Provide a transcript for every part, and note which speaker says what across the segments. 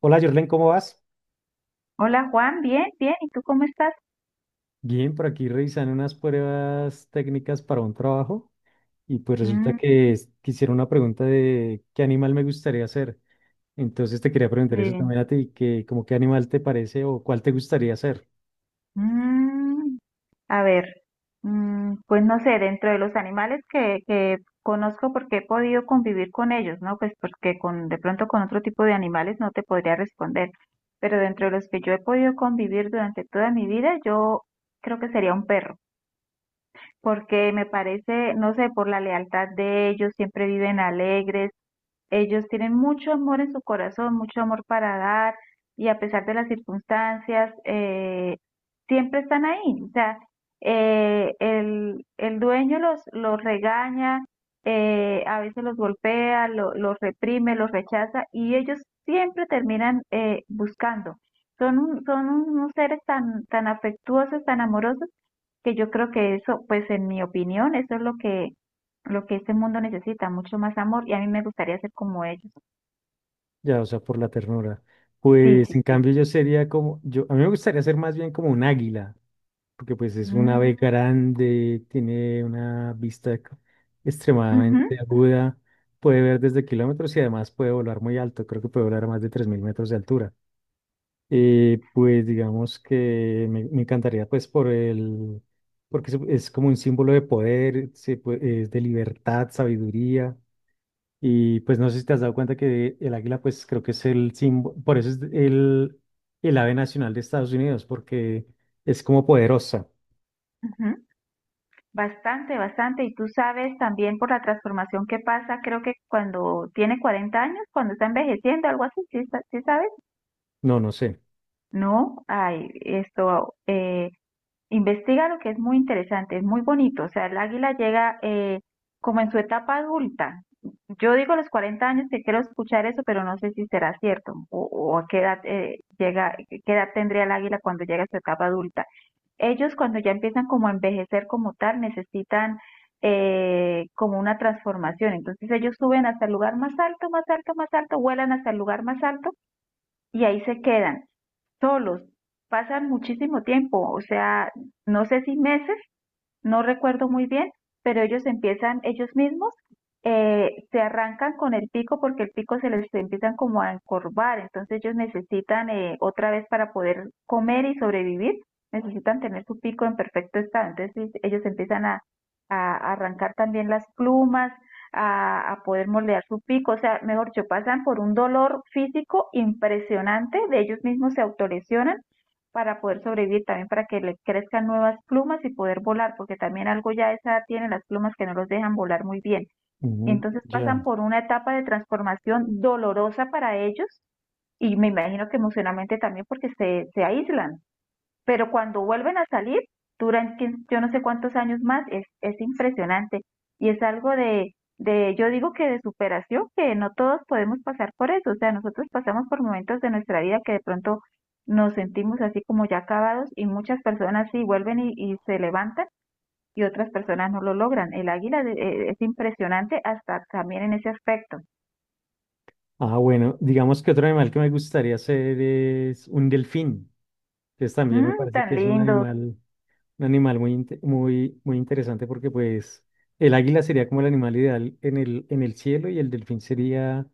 Speaker 1: Hola, Jorlen, ¿cómo vas?
Speaker 2: Hola Juan, bien, bien. ¿Y tú cómo estás?
Speaker 1: Bien, por aquí revisando unas pruebas técnicas para un trabajo y resulta
Speaker 2: Mm,
Speaker 1: que quisiera una pregunta de qué animal me gustaría ser. Entonces te quería preguntar eso
Speaker 2: bien.
Speaker 1: también a ti, que como qué animal te parece o cuál te gustaría ser,
Speaker 2: Mm, a ver, pues no sé, dentro de los animales que conozco porque he podido convivir con ellos, ¿no? Pues porque de pronto con otro tipo de animales no te podría responder. Pero dentro de los que yo he podido convivir durante toda mi vida, yo creo que sería un perro. Porque me parece, no sé, por la lealtad de ellos, siempre viven alegres. Ellos tienen mucho amor en su corazón, mucho amor para dar y a pesar de las circunstancias, siempre están ahí. O sea, el dueño los regaña, a veces los golpea, los reprime, los rechaza y ellos siempre terminan buscando. Son unos seres tan, tan afectuosos, tan amorosos que yo creo que eso, pues en mi opinión, eso es lo que este mundo necesita, mucho más amor, y a mí me gustaría ser como ellos.
Speaker 1: ya, o sea, por la ternura.
Speaker 2: Sí,
Speaker 1: Pues en
Speaker 2: sí.
Speaker 1: cambio yo sería como, a mí me gustaría ser más bien como un águila. Porque es un ave
Speaker 2: Mm,
Speaker 1: grande, tiene una vista
Speaker 2: ujú,
Speaker 1: extremadamente aguda, puede ver desde kilómetros y además puede volar muy alto, creo que puede volar a más de 3.000 metros de altura. Pues digamos que me encantaría porque es como un símbolo de poder, es de libertad, sabiduría. Y pues no sé si te has dado cuenta que el águila pues creo que es el símbolo, por eso es el ave nacional de Estados Unidos, porque es como poderosa.
Speaker 2: ujú. Bastante, bastante. Y tú sabes también por la transformación que pasa, creo que cuando tiene 40 años, cuando está envejeciendo, algo así. ¿Sí, sí sabes?
Speaker 1: No, no sé.
Speaker 2: No, ay, esto, investiga lo que es muy interesante, es muy bonito. O sea, el águila llega como en su etapa adulta. Yo digo los 40 años que quiero escuchar eso, pero no sé si será cierto o, a qué edad, llega, qué edad tendría el águila cuando llega a su etapa adulta. Ellos cuando ya empiezan como a envejecer como tal, necesitan como una transformación. Entonces ellos suben hasta el lugar más alto, más alto, más alto, vuelan hasta el lugar más alto y ahí se quedan solos. Pasan muchísimo tiempo, o sea, no sé si meses, no recuerdo muy bien, pero ellos empiezan ellos mismos, se arrancan con el pico porque el pico se les empiezan como a encorvar, entonces ellos necesitan otra vez para poder comer y sobrevivir, necesitan tener su pico en perfecto estado, entonces ellos empiezan a arrancar también las plumas, a poder moldear su pico, o sea, mejor dicho, pasan por un dolor físico impresionante, de ellos mismos se autolesionan para poder sobrevivir, también para que le crezcan nuevas plumas y poder volar, porque también algo ya de esa edad tiene las plumas que no los dejan volar muy bien.
Speaker 1: Ujú.
Speaker 2: Entonces
Speaker 1: Ya.
Speaker 2: pasan por una etapa de transformación dolorosa para ellos y me imagino que emocionalmente también porque se aíslan. Pero cuando vuelven a salir, duran yo no sé cuántos años más, es impresionante. Y es algo yo digo que de superación, que no todos podemos pasar por eso. O sea, nosotros pasamos por momentos de nuestra vida que de pronto nos sentimos así como ya acabados y muchas personas sí vuelven y se levantan y otras personas no lo logran. El águila es impresionante hasta también en ese aspecto.
Speaker 1: Ah, bueno, digamos que otro animal que me gustaría ser es un delfín, que también me
Speaker 2: Mm,
Speaker 1: parece
Speaker 2: tan
Speaker 1: que es
Speaker 2: lindos.
Speaker 1: un animal muy, interesante porque pues el águila sería como el animal ideal en en el cielo y el delfín sería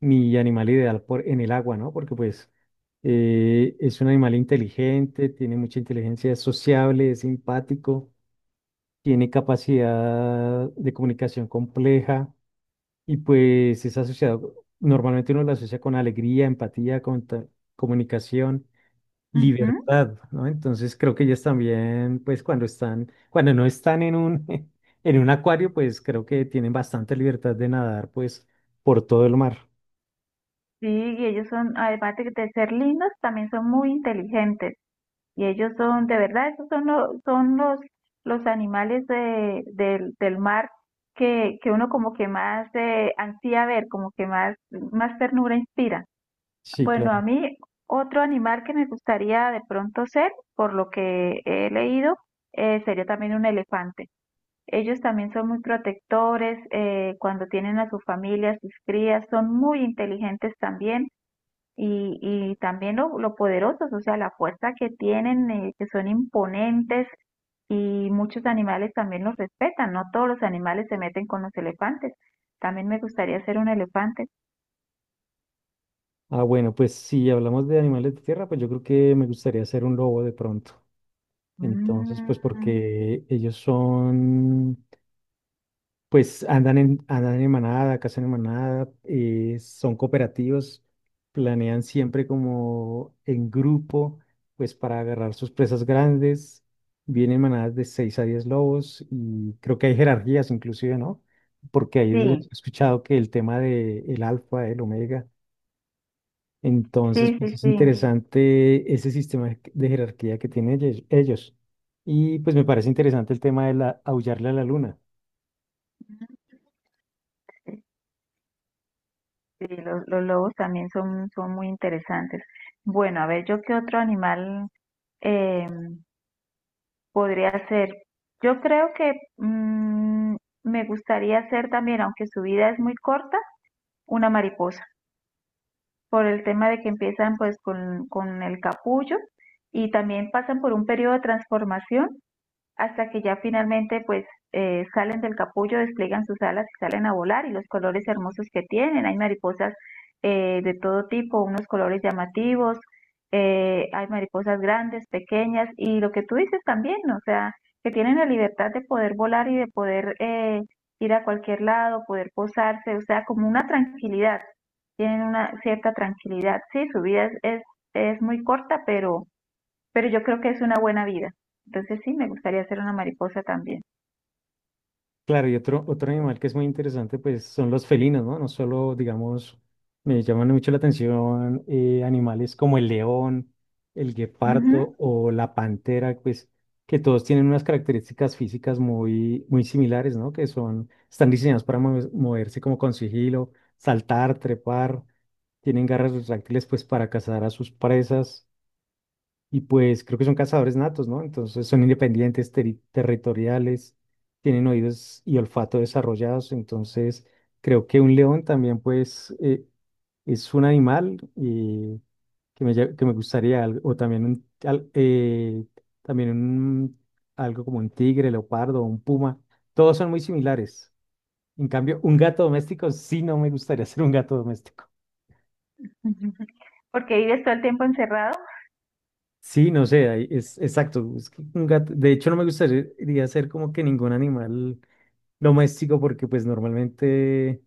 Speaker 1: mi animal ideal en el agua, ¿no? Porque pues es un animal inteligente, tiene mucha inteligencia, es sociable, es simpático, tiene capacidad de comunicación compleja. Y pues es asociado, normalmente uno lo asocia con alegría, empatía, comunicación,
Speaker 2: Ujú.
Speaker 1: libertad, ¿no? Entonces creo que ellas también, pues cuando no están en un, en un acuario, pues creo que tienen bastante libertad de nadar, pues por todo el mar.
Speaker 2: Sí, y ellos son, además de ser lindos, también son muy inteligentes. Y ellos son, de verdad, esos son los animales del mar que uno como que más ansía ver, como que más, más ternura inspira.
Speaker 1: Sí,
Speaker 2: Bueno,
Speaker 1: claro.
Speaker 2: a mí otro animal que me gustaría de pronto ser, por lo que he leído, sería también un elefante. Ellos también son muy protectores, cuando tienen a su familia, a sus crías, son muy inteligentes también y también lo poderosos, o sea, la fuerza que tienen, que son imponentes y muchos animales también los respetan, no todos los animales se meten con los elefantes. También me gustaría ser un elefante.
Speaker 1: Ah, bueno, pues si hablamos de animales de tierra, pues yo creo que me gustaría ser un lobo de pronto. Entonces,
Speaker 2: Mm,
Speaker 1: pues porque ellos son. Pues andan en manada, cazan en manada, son cooperativos, planean siempre como en grupo, pues para agarrar sus presas grandes. Vienen manadas de 6 a 10 lobos y creo que hay jerarquías inclusive, ¿no? Porque ahí es donde he
Speaker 2: sí,
Speaker 1: escuchado que el tema de el alfa, el omega, entonces
Speaker 2: sí,
Speaker 1: pues
Speaker 2: sí,
Speaker 1: es
Speaker 2: sí.
Speaker 1: interesante ese sistema de jerarquía que tienen ellos. Y pues me parece interesante el tema de la, aullarle a la luna.
Speaker 2: Sí, sí, los lobos también son, son muy interesantes. Bueno, a ver, yo qué otro animal eh, podría ser. Yo creo que me gustaría ser también, aunque su vida es muy corta, una mariposa, por el tema de que empiezan pues con el capullo y también pasan por un periodo de transformación hasta que ya finalmente pues salen del capullo, despliegan sus alas y salen a volar y los colores hermosos que tienen. Hay mariposas de todo tipo, unos colores llamativos, hay mariposas grandes, pequeñas y lo que tú dices también, o sea, que tienen la libertad de poder volar y de poder ir a cualquier lado, poder posarse, o sea, como una tranquilidad, tienen una cierta tranquilidad. Sí, su vida es muy corta, pero yo creo que es una buena vida. Entonces sí, me gustaría ser una mariposa también.
Speaker 1: Claro, y otro animal que es muy interesante, pues son los felinos, ¿no? No solo, digamos, me llaman mucho la atención animales como el león, el guepardo
Speaker 2: Ujú.
Speaker 1: o la pantera, pues que todos tienen unas características físicas muy similares, ¿no? Que son, están diseñados para moverse como con sigilo, saltar, trepar, tienen garras retráctiles, pues para cazar a sus presas. Y pues creo que son cazadores natos, ¿no? Entonces son independientes, territoriales, tienen oídos y olfato desarrollados. Entonces creo que un león también pues es un animal que me gustaría, al- o también un, al- también un- algo como un tigre, leopardo, un puma. Todos son muy similares. En cambio, un gato doméstico sí no me gustaría ser un gato doméstico.
Speaker 2: Porque vives todo el tiempo encerrado.
Speaker 1: Sí, no sé, ahí es exacto. Es que de hecho, no me gustaría ser como que ningún animal doméstico porque pues normalmente,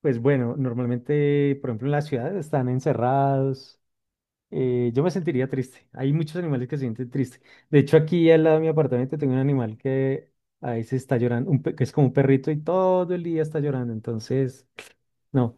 Speaker 1: normalmente, por ejemplo, en la ciudad están encerrados. Yo me sentiría triste. Hay muchos animales que se sienten tristes. De hecho, aquí al lado de mi apartamento tengo un animal que a veces está llorando, que es como un perrito y todo el día está llorando. Entonces, no.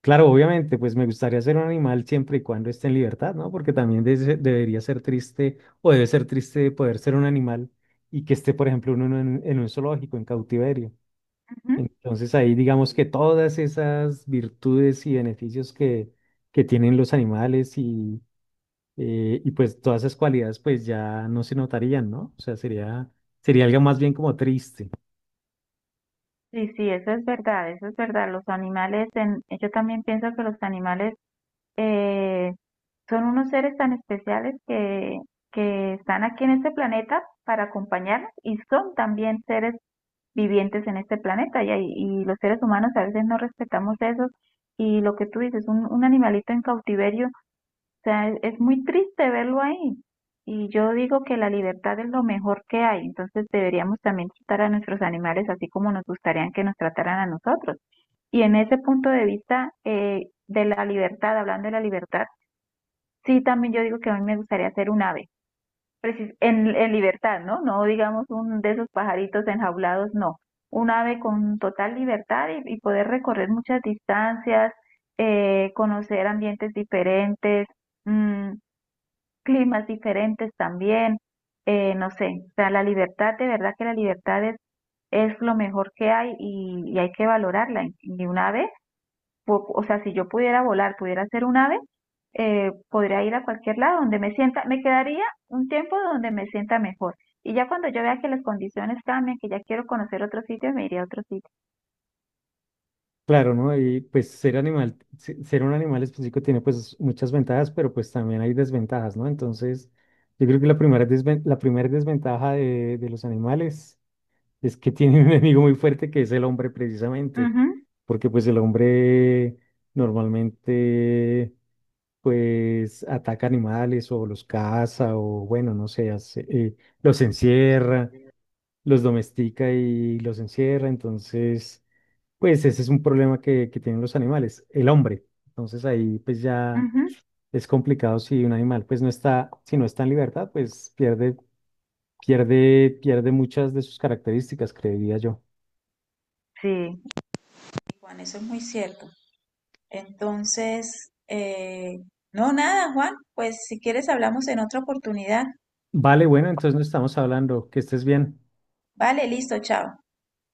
Speaker 1: Claro, obviamente, pues me gustaría ser un animal siempre y cuando esté en libertad, ¿no? Porque también debería ser triste o debe ser triste poder ser un animal y que esté, por ejemplo, uno en un zoológico, en cautiverio.
Speaker 2: Ujú.
Speaker 1: Entonces ahí digamos que todas esas virtudes y beneficios que tienen los animales y pues todas esas cualidades pues ya no se notarían, ¿no? O sea, sería algo más bien como triste.
Speaker 2: Sí, sí, eso es verdad, eso es verdad. Los animales, yo también pienso que los animales eh, son unos seres tan especiales que están aquí en este planeta para acompañarnos y son también seres vivientes en este planeta y, y los seres humanos a veces no respetamos eso y lo que tú dices, un animalito en cautiverio, sea, es muy triste verlo ahí. Y yo digo que la libertad es lo mejor que hay, entonces deberíamos también tratar a nuestros animales así como nos gustarían que nos trataran a nosotros. Y en ese punto de vista de la libertad, hablando de la libertad, sí, también yo digo que a mí me gustaría ser un ave, en libertad, ¿no? No digamos un de esos pajaritos enjaulados, no. Un ave con total libertad y poder recorrer muchas distancias, conocer ambientes diferentes. mm, Climas diferentes también, no sé, o sea, la libertad, de verdad que la libertad es lo mejor que hay y hay que valorarla. Y un ave, o sea, si yo pudiera volar, pudiera ser un ave, podría ir a cualquier lado donde me sienta, me quedaría un tiempo donde me sienta mejor. Y ya cuando yo vea que las condiciones cambian, que ya quiero conocer otro sitio, me iría a otro sitio.
Speaker 1: Claro, ¿no? Y pues ser un animal específico tiene pues muchas ventajas, pero pues también hay desventajas, ¿no? Entonces, yo creo que la primera desventaja de los animales es que tienen un enemigo muy fuerte que es el hombre precisamente,
Speaker 2: Ujú,
Speaker 1: porque pues el hombre normalmente pues ataca animales o los caza o bueno, no sé, los encierra, los domestica y los encierra, entonces... Pues ese es un problema que tienen los animales, el hombre. Entonces ahí pues ya
Speaker 2: ujú,
Speaker 1: es complicado si un animal pues si no está en libertad, pues pierde muchas de sus características, creería yo.
Speaker 2: sí. Juan, eso es muy cierto. Entonces, no, nada, Juan, pues si quieres hablamos en otra oportunidad.
Speaker 1: Vale, bueno, entonces no estamos hablando, que estés bien.
Speaker 2: Vale, listo, chao.